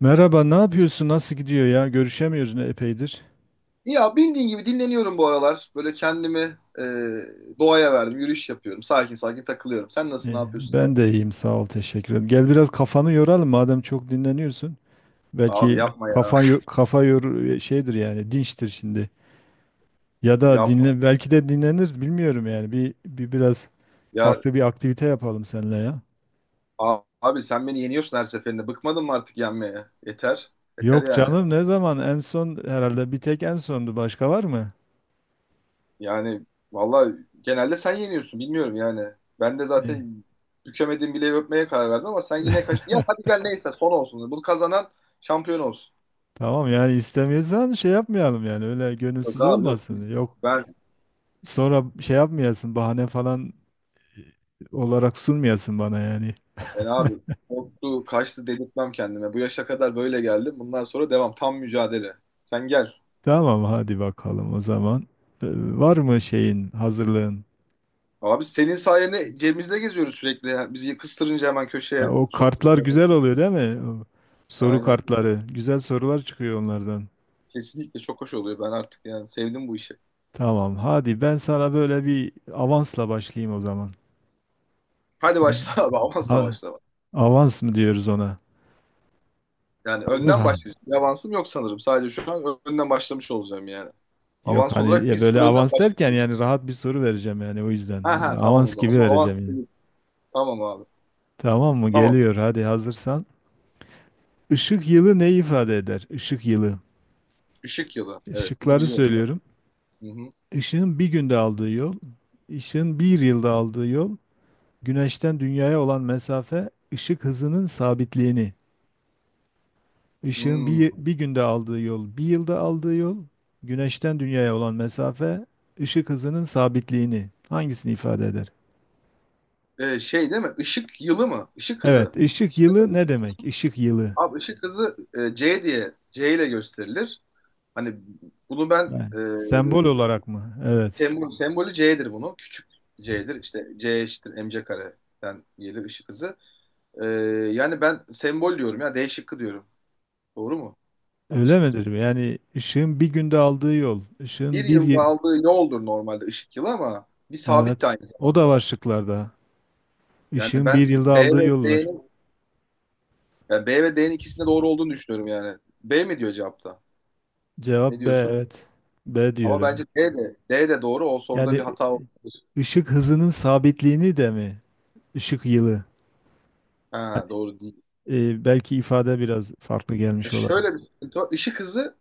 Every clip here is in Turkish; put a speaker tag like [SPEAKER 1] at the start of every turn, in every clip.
[SPEAKER 1] Merhaba, ne yapıyorsun? Nasıl gidiyor ya? Görüşemiyoruz ne epeydir.
[SPEAKER 2] Ya bildiğin gibi dinleniyorum bu aralar. Böyle kendimi e, doğaya verdim. Yürüyüş yapıyorum. Sakin sakin takılıyorum. Sen nasıl
[SPEAKER 1] Ee,
[SPEAKER 2] ne yapıyorsun
[SPEAKER 1] ben
[SPEAKER 2] abi?
[SPEAKER 1] de iyiyim, sağ ol, teşekkür ederim. Gel biraz kafanı yoralım madem çok dinleniyorsun.
[SPEAKER 2] Abi
[SPEAKER 1] Belki
[SPEAKER 2] yapma ya.
[SPEAKER 1] kafa yor şeydir yani dinçtir şimdi. Ya da
[SPEAKER 2] Yapma.
[SPEAKER 1] dinle belki de dinlenir bilmiyorum yani. Bir biraz
[SPEAKER 2] Ya
[SPEAKER 1] farklı bir aktivite yapalım seninle ya.
[SPEAKER 2] Abi sen beni yeniyorsun her seferinde. Bıkmadın mı artık yenmeye? Yeter. Yeter
[SPEAKER 1] Yok
[SPEAKER 2] yani.
[SPEAKER 1] canım, ne zaman en son? Herhalde bir tek en sondu, başka var mı?
[SPEAKER 2] Yani vallahi genelde sen yeniyorsun. Bilmiyorum yani. Ben de
[SPEAKER 1] Ee,
[SPEAKER 2] zaten bükemediğim bileği öpmeye karar verdim ama sen yine kaç... Ya hadi gel neyse son olsun. Bunu kazanan şampiyon olsun.
[SPEAKER 1] Tamam, yani istemiyorsan şey yapmayalım yani öyle
[SPEAKER 2] Yok
[SPEAKER 1] gönülsüz
[SPEAKER 2] abi yok.
[SPEAKER 1] olmasın. Yok.
[SPEAKER 2] Ben
[SPEAKER 1] Sonra şey yapmayasın, bahane falan olarak sunmayasın bana yani.
[SPEAKER 2] Yani abi korktu, kaçtı dedirtmem kendime. Bu yaşa kadar böyle geldim. Bundan sonra devam. Tam mücadele. Sen gel.
[SPEAKER 1] Tamam hadi bakalım o zaman. Ee, Var mı şeyin, hazırlığın?
[SPEAKER 2] Abi senin sayende cebimizde geziyoruz sürekli ya. Bizi kıstırınca hemen köşeye
[SPEAKER 1] Ha, o
[SPEAKER 2] soru
[SPEAKER 1] kartlar
[SPEAKER 2] sormaya
[SPEAKER 1] güzel
[SPEAKER 2] başlıyoruz.
[SPEAKER 1] oluyor değil mi? O soru
[SPEAKER 2] Aynen.
[SPEAKER 1] kartları. Güzel sorular çıkıyor onlardan.
[SPEAKER 2] Kesinlikle çok hoş oluyor. Ben artık yani sevdim bu işi.
[SPEAKER 1] Tamam, hadi ben sana böyle bir avansla başlayayım o zaman.
[SPEAKER 2] Hadi
[SPEAKER 1] Az-
[SPEAKER 2] başla abi. Amasla
[SPEAKER 1] Ha,
[SPEAKER 2] başla.
[SPEAKER 1] avans mı diyoruz ona?
[SPEAKER 2] Yani
[SPEAKER 1] Hazır
[SPEAKER 2] önden
[SPEAKER 1] ha.
[SPEAKER 2] başlayacağım. Bir avansım yok sanırım. Sadece şu an önden başlamış olacağım yani.
[SPEAKER 1] Yok
[SPEAKER 2] Avans
[SPEAKER 1] hani
[SPEAKER 2] olarak
[SPEAKER 1] ya,
[SPEAKER 2] 1-0
[SPEAKER 1] böyle
[SPEAKER 2] önden
[SPEAKER 1] avans derken
[SPEAKER 2] başlıyoruz.
[SPEAKER 1] yani rahat bir soru vereceğim yani, o
[SPEAKER 2] Ha
[SPEAKER 1] yüzden. Öyle
[SPEAKER 2] ha, tamam o
[SPEAKER 1] avans
[SPEAKER 2] zaman. O
[SPEAKER 1] gibi
[SPEAKER 2] zaman avans.
[SPEAKER 1] vereceğim yani.
[SPEAKER 2] Tamam abi.
[SPEAKER 1] Tamam mı?
[SPEAKER 2] Tamam.
[SPEAKER 1] Geliyor, hadi hazırsan. Işık yılı ne ifade eder? Işık yılı.
[SPEAKER 2] Işık yılı. Evet, bunu
[SPEAKER 1] Işıkları
[SPEAKER 2] biliyorum.
[SPEAKER 1] söylüyorum.
[SPEAKER 2] Hı hı.
[SPEAKER 1] Işığın bir günde aldığı yol, ışığın
[SPEAKER 2] Hı
[SPEAKER 1] bir
[SPEAKER 2] hı.
[SPEAKER 1] yılda aldığı yol, güneşten dünyaya olan mesafe, ışık hızının sabitliğini. Işığın
[SPEAKER 2] Hmm.
[SPEAKER 1] bir günde aldığı yol, bir yılda aldığı yol, güneşten dünyaya olan mesafe, ışık hızının sabitliğini. Hangisini ifade eder?
[SPEAKER 2] Şey değil mi? Işık yılı mı? Işık
[SPEAKER 1] Evet,
[SPEAKER 2] hızı.
[SPEAKER 1] ışık
[SPEAKER 2] Işık
[SPEAKER 1] yılı
[SPEAKER 2] hızı,
[SPEAKER 1] ne
[SPEAKER 2] ışık.
[SPEAKER 1] demek? Işık yılı.
[SPEAKER 2] Abi ışık hızı C diye, C ile gösterilir. Hani bunu ben
[SPEAKER 1] Yani sembol olarak mı? Evet.
[SPEAKER 2] sembolü C'dir bunun. Küçük C'dir. İşte C eşittir mc kareden gelir ışık hızı. E, Yani ben sembol diyorum ya. D şıkkı diyorum. Doğru mu?
[SPEAKER 1] Öyle
[SPEAKER 2] Yanlış mıyım?
[SPEAKER 1] midir? Yani ışığın bir günde aldığı yol,
[SPEAKER 2] Bir
[SPEAKER 1] ışığın
[SPEAKER 2] yılda aldığı yoldur normalde ışık yılı, ama bir sabit de
[SPEAKER 1] Evet.
[SPEAKER 2] aynı
[SPEAKER 1] O da
[SPEAKER 2] zamanda.
[SPEAKER 1] var şıklarda.
[SPEAKER 2] Yani
[SPEAKER 1] Işığın bir
[SPEAKER 2] ben
[SPEAKER 1] yılda
[SPEAKER 2] B
[SPEAKER 1] aldığı
[SPEAKER 2] ve
[SPEAKER 1] yol var.
[SPEAKER 2] D'nin, ikisinde doğru olduğunu düşünüyorum yani. B mi diyor cevapta?
[SPEAKER 1] Cevap
[SPEAKER 2] Ne
[SPEAKER 1] B,
[SPEAKER 2] diyorsun?
[SPEAKER 1] evet. B diyor,
[SPEAKER 2] Ama
[SPEAKER 1] evet.
[SPEAKER 2] bence D de doğru. O soruda
[SPEAKER 1] Yani
[SPEAKER 2] bir hata olabilir.
[SPEAKER 1] ışık hızının sabitliğini de mi? Işık yılı. Hani,
[SPEAKER 2] Ha, doğru değil.
[SPEAKER 1] belki ifade biraz farklı gelmiş olabilir.
[SPEAKER 2] Şöyle bir sıkıntı var. Işık hızı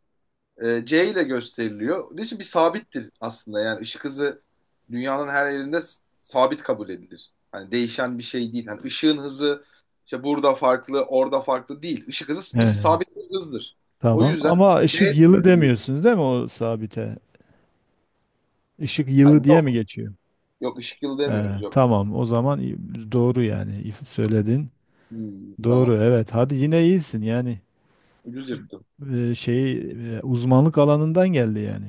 [SPEAKER 2] C ile gösteriliyor. Onun için bir sabittir aslında. Yani ışık hızı dünyanın her yerinde sabit kabul edilir. Hani değişen bir şey değil. Hani ışığın hızı işte burada farklı, orada farklı değil. Işık hızı
[SPEAKER 1] He,
[SPEAKER 2] bir sabit bir hızdır. O
[SPEAKER 1] tamam.
[SPEAKER 2] yüzden
[SPEAKER 1] Ama
[SPEAKER 2] D
[SPEAKER 1] ışık yılı
[SPEAKER 2] ile buluyor.
[SPEAKER 1] demiyorsunuz değil mi o sabite? Işık yılı
[SPEAKER 2] Hani
[SPEAKER 1] diye mi
[SPEAKER 2] yok,
[SPEAKER 1] geçiyor?
[SPEAKER 2] yok, ışık yılı demiyoruz,
[SPEAKER 1] He,
[SPEAKER 2] yok.
[SPEAKER 1] tamam. O zaman doğru yani. Söyledin.
[SPEAKER 2] Hmm, tamam.
[SPEAKER 1] Doğru, evet. Hadi yine iyisin yani.
[SPEAKER 2] Ucuz yırttım.
[SPEAKER 1] e, şey Uzmanlık alanından geldi yani.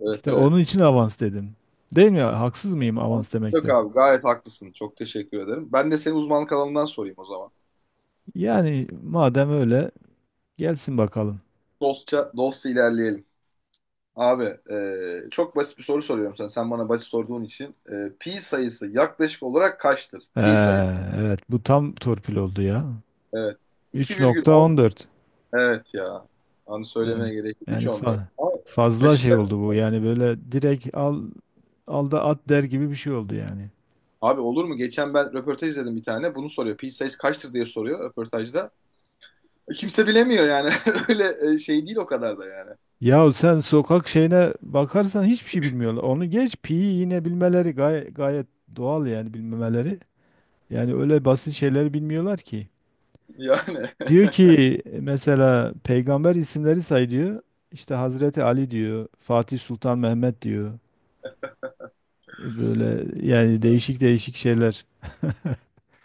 [SPEAKER 2] Evet,
[SPEAKER 1] İşte
[SPEAKER 2] evet.
[SPEAKER 1] onun için avans dedim. Değil mi? Haksız mıyım avans
[SPEAKER 2] Yok
[SPEAKER 1] demekte?
[SPEAKER 2] abi, gayet haklısın. Çok teşekkür ederim. Ben de senin uzmanlık alanından sorayım o zaman.
[SPEAKER 1] Yani madem öyle, gelsin bakalım.
[SPEAKER 2] Dostça, dostça ilerleyelim. Abi çok basit bir soru soruyorum sana. Sen bana basit sorduğun için. Pi sayısı yaklaşık olarak kaçtır?
[SPEAKER 1] Ee,
[SPEAKER 2] Pi sayısı.
[SPEAKER 1] evet, bu tam torpil oldu ya.
[SPEAKER 2] Evet. 2,10.
[SPEAKER 1] 3,14.
[SPEAKER 2] Evet ya. Anı
[SPEAKER 1] Evet.
[SPEAKER 2] söylemeye gerek yok.
[SPEAKER 1] Yani
[SPEAKER 2] 3,14. Abi,
[SPEAKER 1] fazla şey oldu
[SPEAKER 2] şaşırtacak
[SPEAKER 1] bu.
[SPEAKER 2] mısın?
[SPEAKER 1] Yani böyle direkt al, al da at der gibi bir şey oldu yani.
[SPEAKER 2] Abi, olur mu? Geçen ben röportaj izledim bir tane. Bunu soruyor. Pi sayısı kaçtır diye soruyor röportajda. Kimse bilemiyor yani. Öyle şey değil o kadar da yani.
[SPEAKER 1] Ya sen sokak şeyine bakarsan hiçbir şey bilmiyorlar. Onu geç, pi yine bilmeleri gayet doğal yani, bilmemeleri. Yani öyle basit şeyler bilmiyorlar ki.
[SPEAKER 2] Yani.
[SPEAKER 1] Diyor ki mesela peygamber isimleri say diyor. İşte Hazreti Ali diyor, Fatih Sultan Mehmet diyor. Böyle yani, değişik değişik şeyler.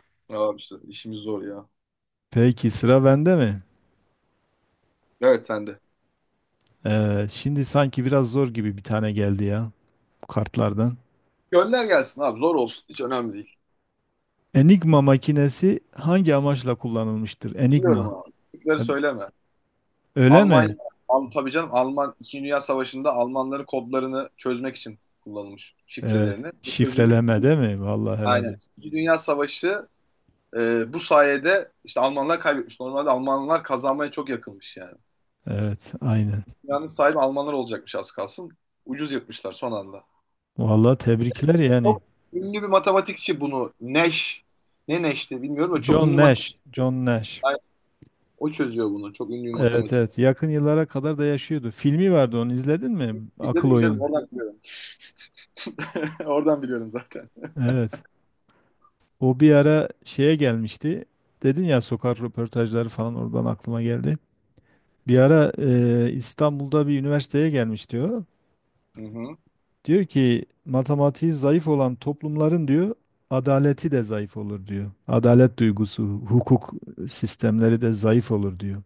[SPEAKER 2] Abi işte işimiz zor ya.
[SPEAKER 1] Peki sıra bende mi?
[SPEAKER 2] Evet, sende.
[SPEAKER 1] Şimdi sanki biraz zor gibi bir tane geldi ya kartlardan.
[SPEAKER 2] Gönder gelsin abi, zor olsun. Hiç önemli değil.
[SPEAKER 1] Enigma makinesi hangi amaçla kullanılmıştır?
[SPEAKER 2] Biliyorum
[SPEAKER 1] Enigma.
[SPEAKER 2] abi. Teknikleri
[SPEAKER 1] E,
[SPEAKER 2] söyleme.
[SPEAKER 1] Öyle
[SPEAKER 2] Almanya,
[SPEAKER 1] mi?
[SPEAKER 2] Tabii canım, Alman 2. Dünya Savaşı'nda Almanların kodlarını çözmek için kullanılmış
[SPEAKER 1] Evet.
[SPEAKER 2] şifrelerini. Bu çözülmüş.
[SPEAKER 1] Şifreleme değil mi? Vallahi helal
[SPEAKER 2] Aynen.
[SPEAKER 1] olsun.
[SPEAKER 2] 2. Dünya Savaşı bu sayede işte Almanlar kaybetmiş. Normalde Almanlar kazanmaya çok yakınmış yani.
[SPEAKER 1] Evet, aynen.
[SPEAKER 2] Dünyanın sahibi Almanlar olacakmış az kalsın. Ucuz yırtmışlar son anda.
[SPEAKER 1] Vallahi tebrikler yani.
[SPEAKER 2] Çok ünlü bir matematikçi bunu. Nash. Ne Nash'ti bilmiyorum da, çok
[SPEAKER 1] John
[SPEAKER 2] ünlü
[SPEAKER 1] Nash.
[SPEAKER 2] matematikçi.
[SPEAKER 1] John Nash.
[SPEAKER 2] O çözüyor bunu. Çok ünlü bir
[SPEAKER 1] Evet,
[SPEAKER 2] matematikçi.
[SPEAKER 1] evet. Yakın yıllara kadar da yaşıyordu. Filmi vardı, onu izledin mi? Akıl
[SPEAKER 2] İzledim, izledim,
[SPEAKER 1] Oyun.
[SPEAKER 2] oradan biliyorum. Oradan biliyorum zaten.
[SPEAKER 1] Evet. O bir ara şeye gelmişti. Dedin ya sokak röportajları, falan oradan aklıma geldi. Bir ara İstanbul'da bir üniversiteye gelmiş diyor.
[SPEAKER 2] Hı hı.
[SPEAKER 1] Diyor ki matematiği zayıf olan toplumların, diyor, adaleti de zayıf olur diyor. Adalet duygusu, hukuk sistemleri de zayıf olur diyor.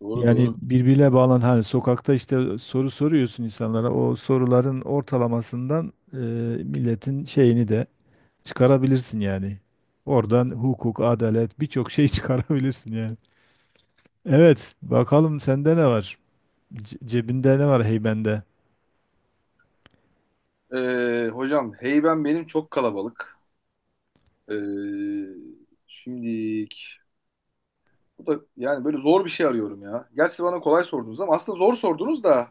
[SPEAKER 2] Doğru,
[SPEAKER 1] Yani
[SPEAKER 2] doğru.
[SPEAKER 1] birbiriyle bağlan, hani sokakta işte soru soruyorsun insanlara, o soruların ortalamasından milletin şeyini de çıkarabilirsin yani. Oradan hukuk, adalet, birçok şey çıkarabilirsin yani. Evet, bakalım sende ne var? Cebinde ne var, heybende?
[SPEAKER 2] Hocam, heyben benim çok kalabalık. Ee, Şimdilik bu da yani böyle zor bir şey arıyorum ya. Gerçi bana kolay sordunuz ama aslında zor sordunuz da,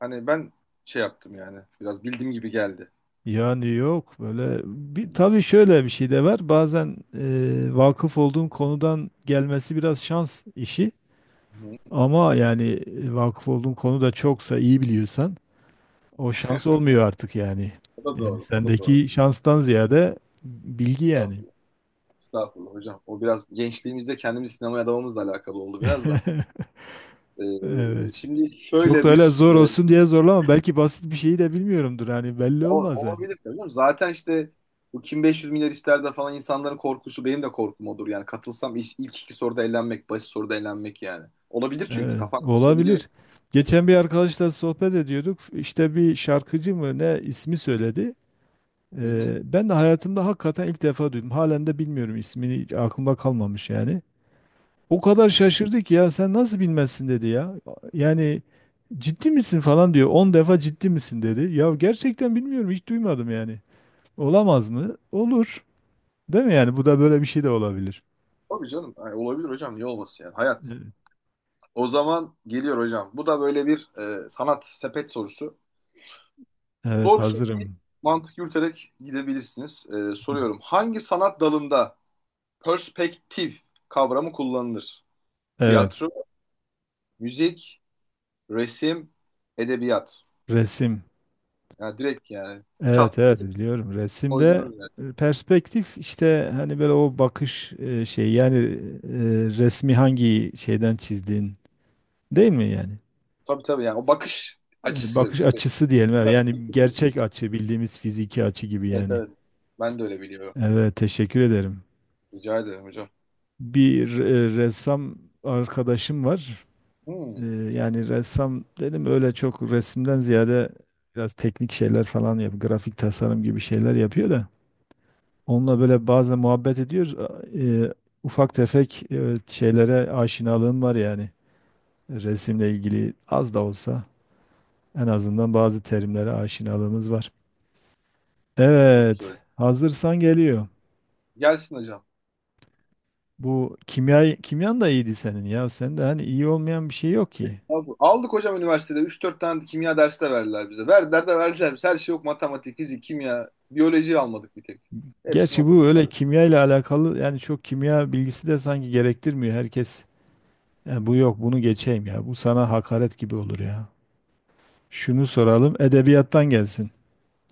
[SPEAKER 2] hani ben şey yaptım yani, biraz bildiğim gibi geldi.
[SPEAKER 1] Yani yok böyle
[SPEAKER 2] Hı
[SPEAKER 1] bir, tabii şöyle bir şey de var bazen, vakıf olduğun konudan gelmesi biraz şans işi,
[SPEAKER 2] hı.
[SPEAKER 1] ama yani vakıf olduğun konu da çoksa, iyi biliyorsan o şans olmuyor artık yani.
[SPEAKER 2] O da
[SPEAKER 1] Yani
[SPEAKER 2] doğru, o da doğru.
[SPEAKER 1] sendeki şanstan ziyade bilgi yani.
[SPEAKER 2] Estağfurullah. Estağfurullah hocam. O biraz gençliğimizde kendimizi sinemaya adamamızla alakalı oldu biraz da.
[SPEAKER 1] Evet.
[SPEAKER 2] Şimdi
[SPEAKER 1] Çok da
[SPEAKER 2] şöyle
[SPEAKER 1] öyle
[SPEAKER 2] bir...
[SPEAKER 1] zor olsun diye zorlama. Belki basit bir şeyi de bilmiyorumdur. Hani belli
[SPEAKER 2] O,
[SPEAKER 1] olmaz yani.
[SPEAKER 2] olabilir tabii canım. Zaten işte bu Kim 500 Milyar ister de falan, insanların korkusu, benim de korkum odur. Yani katılsam ilk iki soruda elenmek, basit soruda elenmek yani. Olabilir, çünkü
[SPEAKER 1] Evet,
[SPEAKER 2] kafan karışabiliyor.
[SPEAKER 1] olabilir.
[SPEAKER 2] Dedi
[SPEAKER 1] Geçen bir arkadaşla sohbet ediyorduk. İşte bir şarkıcı mı ne, ismi söyledi.
[SPEAKER 2] Hı hı.
[SPEAKER 1] Ben de hayatımda hakikaten ilk defa duydum. Halen de bilmiyorum ismini. Hiç aklımda kalmamış yani. O kadar
[SPEAKER 2] Hı.
[SPEAKER 1] şaşırdı ki, ya sen nasıl bilmezsin dedi ya. Yani ciddi misin falan diyor. On defa ciddi misin dedi. Ya gerçekten bilmiyorum, hiç duymadım yani. Olamaz mı? Olur. Değil mi yani? Bu da böyle bir şey de olabilir.
[SPEAKER 2] Tabii canım. Ay, olabilir hocam. Niye olmasın yani? Hayat.
[SPEAKER 1] Evet.
[SPEAKER 2] O zaman geliyor hocam. Bu da böyle bir sanat sepet sorusu.
[SPEAKER 1] Evet,
[SPEAKER 2] Zor bir soru değil.
[SPEAKER 1] hazırım.
[SPEAKER 2] Mantık yürüterek gidebilirsiniz. Soruyorum. Hangi sanat dalında perspektif kavramı kullanılır?
[SPEAKER 1] Evet.
[SPEAKER 2] Tiyatro, müzik, resim, edebiyat.
[SPEAKER 1] Resim.
[SPEAKER 2] Yani direkt yani
[SPEAKER 1] Evet,
[SPEAKER 2] çat diye
[SPEAKER 1] evet, biliyorum. Resimde
[SPEAKER 2] koydunuz yani.
[SPEAKER 1] perspektif, işte hani böyle o bakış şey yani, resmi hangi şeyden çizdiğin, değil mi yani?
[SPEAKER 2] Tabii tabii, yani o bakış açısı
[SPEAKER 1] Bakış
[SPEAKER 2] gibi.
[SPEAKER 1] açısı diyelim, evet. Yani gerçek açı, bildiğimiz fiziki açı gibi
[SPEAKER 2] Evet,
[SPEAKER 1] yani.
[SPEAKER 2] evet. Ben de öyle biliyorum.
[SPEAKER 1] Evet, teşekkür ederim.
[SPEAKER 2] Rica ederim hocam.
[SPEAKER 1] Bir ressam arkadaşım var.
[SPEAKER 2] Hmm,
[SPEAKER 1] E, Yani ressam dedim, öyle çok resimden ziyade biraz teknik şeyler falan yapıyor. Grafik tasarım gibi şeyler yapıyor da. Onunla böyle bazen muhabbet ediyoruz. Ufak tefek şeylere aşinalığım var yani. Resimle ilgili az da olsa en azından bazı terimlere aşinalığımız var.
[SPEAKER 2] çok
[SPEAKER 1] Evet,
[SPEAKER 2] güzel.
[SPEAKER 1] hazırsan geliyor.
[SPEAKER 2] Gelsin hocam.
[SPEAKER 1] Bu kimya, kimyan da iyiydi senin ya. Sen de hani iyi olmayan bir şey yok ki.
[SPEAKER 2] Aldık, aldık hocam, üniversitede. Üç dört tane kimya dersi de verdiler bize. Verdiler de verdiler bize. Her şey, yok. Matematik, fizik, kimya, biyoloji almadık bir tek. Hepsini
[SPEAKER 1] Gerçi bu
[SPEAKER 2] okuduk
[SPEAKER 1] öyle
[SPEAKER 2] tabii.
[SPEAKER 1] kimya ile alakalı yani, çok kimya bilgisi de sanki gerektirmiyor herkes. "Ya bu yok, bunu geçeyim ya. Bu sana hakaret gibi olur ya. Şunu soralım, edebiyattan gelsin.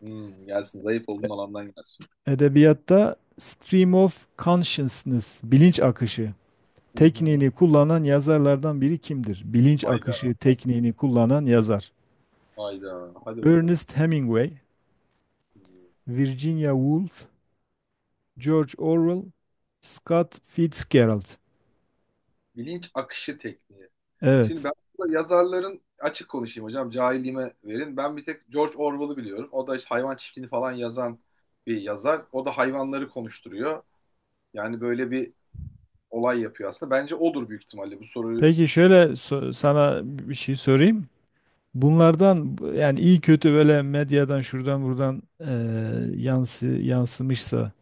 [SPEAKER 2] Hmm, gelsin. Zayıf olduğum alandan gelsin.
[SPEAKER 1] Edebiyatta stream of consciousness, bilinç akışı
[SPEAKER 2] Hı hı.
[SPEAKER 1] tekniğini kullanan yazarlardan biri kimdir? Bilinç
[SPEAKER 2] Hayda.
[SPEAKER 1] akışı tekniğini kullanan yazar.
[SPEAKER 2] Hayda. Hadi bakalım.
[SPEAKER 1] Ernest Hemingway,
[SPEAKER 2] Hmm.
[SPEAKER 1] Virginia Woolf,
[SPEAKER 2] Hmm.
[SPEAKER 1] George Orwell, Scott Fitzgerald.
[SPEAKER 2] Bilinç akışı tekniği. Şimdi
[SPEAKER 1] Evet.
[SPEAKER 2] ben burada yazarların, açık konuşayım hocam, cahilliğime verin, ben bir tek George Orwell'ı biliyorum. O da işte hayvan çiftliğini falan yazan bir yazar. O da hayvanları konuşturuyor. Yani böyle bir olay yapıyor aslında. Bence odur büyük ihtimalle bu soruyu.
[SPEAKER 1] Peki şöyle, sana bir şey sorayım. Bunlardan, yani iyi kötü böyle medyadan şuradan buradan yansımışsa,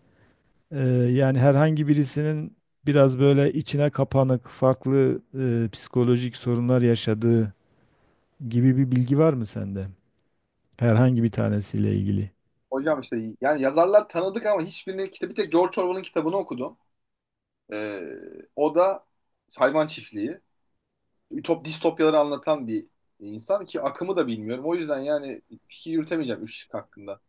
[SPEAKER 1] eee, yani herhangi birisinin biraz böyle içine kapanık farklı, psikolojik sorunlar yaşadığı gibi bir bilgi var mı sende? Herhangi bir tanesiyle ilgili.
[SPEAKER 2] Hocam işte yani yazarlar tanıdık ama hiçbirinin kitabı, bir tek George Orwell'ın kitabını okudum. Ee, O da hayvan çiftliği. Distopyaları anlatan bir insan ki, akımı da bilmiyorum. O yüzden yani fikir yürütemeyeceğim üç şık hakkında.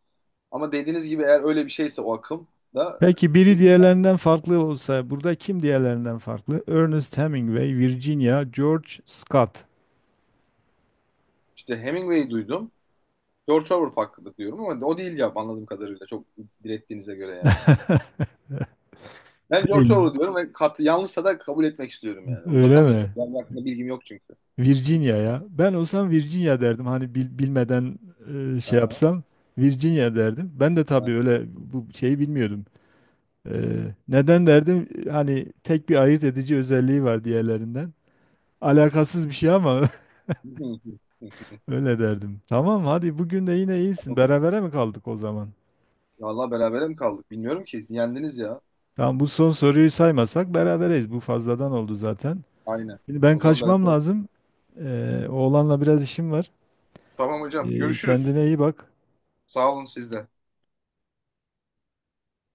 [SPEAKER 2] Ama dediğiniz gibi, eğer öyle bir şeyse o akım da
[SPEAKER 1] Peki biri
[SPEAKER 2] e,
[SPEAKER 1] diğerlerinden farklı olsa, burada kim diğerlerinden farklı? Ernest Hemingway, Virginia, George, Scott.
[SPEAKER 2] işte Hemingway'i duydum. George Orwell hakkında diyorum ama o değil cevap, anladığım kadarıyla, çok direttiğinize göre yani. Ben George
[SPEAKER 1] Değil.
[SPEAKER 2] Orwell diyorum ve yanlışsa da kabul etmek istiyorum yani.
[SPEAKER 1] Öyle
[SPEAKER 2] Uzatamayacağım.
[SPEAKER 1] mi?
[SPEAKER 2] Yani hakkında bilgim yok çünkü. İlk-
[SPEAKER 1] Virginia ya. Ben olsam Virginia derdim. Hani bilmeden şey
[SPEAKER 2] Aha.
[SPEAKER 1] yapsam Virginia derdim. Ben de tabii
[SPEAKER 2] Aha.
[SPEAKER 1] öyle, bu şeyi bilmiyordum. E, Neden derdim? Hani tek bir ayırt edici özelliği var diğerlerinden. Alakasız bir şey ama öyle derdim. Tamam, hadi bugün de yine iyisin. Berabere mi kaldık o zaman?
[SPEAKER 2] Vallahi berabere mi kaldık? Bilmiyorum ki. Siz yendiniz ya.
[SPEAKER 1] Tamam, bu son soruyu saymasak berabereyiz. Bu fazladan oldu zaten.
[SPEAKER 2] Aynen.
[SPEAKER 1] Şimdi ben
[SPEAKER 2] O zaman
[SPEAKER 1] kaçmam
[SPEAKER 2] beraber.
[SPEAKER 1] lazım. Oğlanla biraz işim var.
[SPEAKER 2] Tamam hocam. Görüşürüz.
[SPEAKER 1] Kendine iyi bak.
[SPEAKER 2] Sağ olun siz de.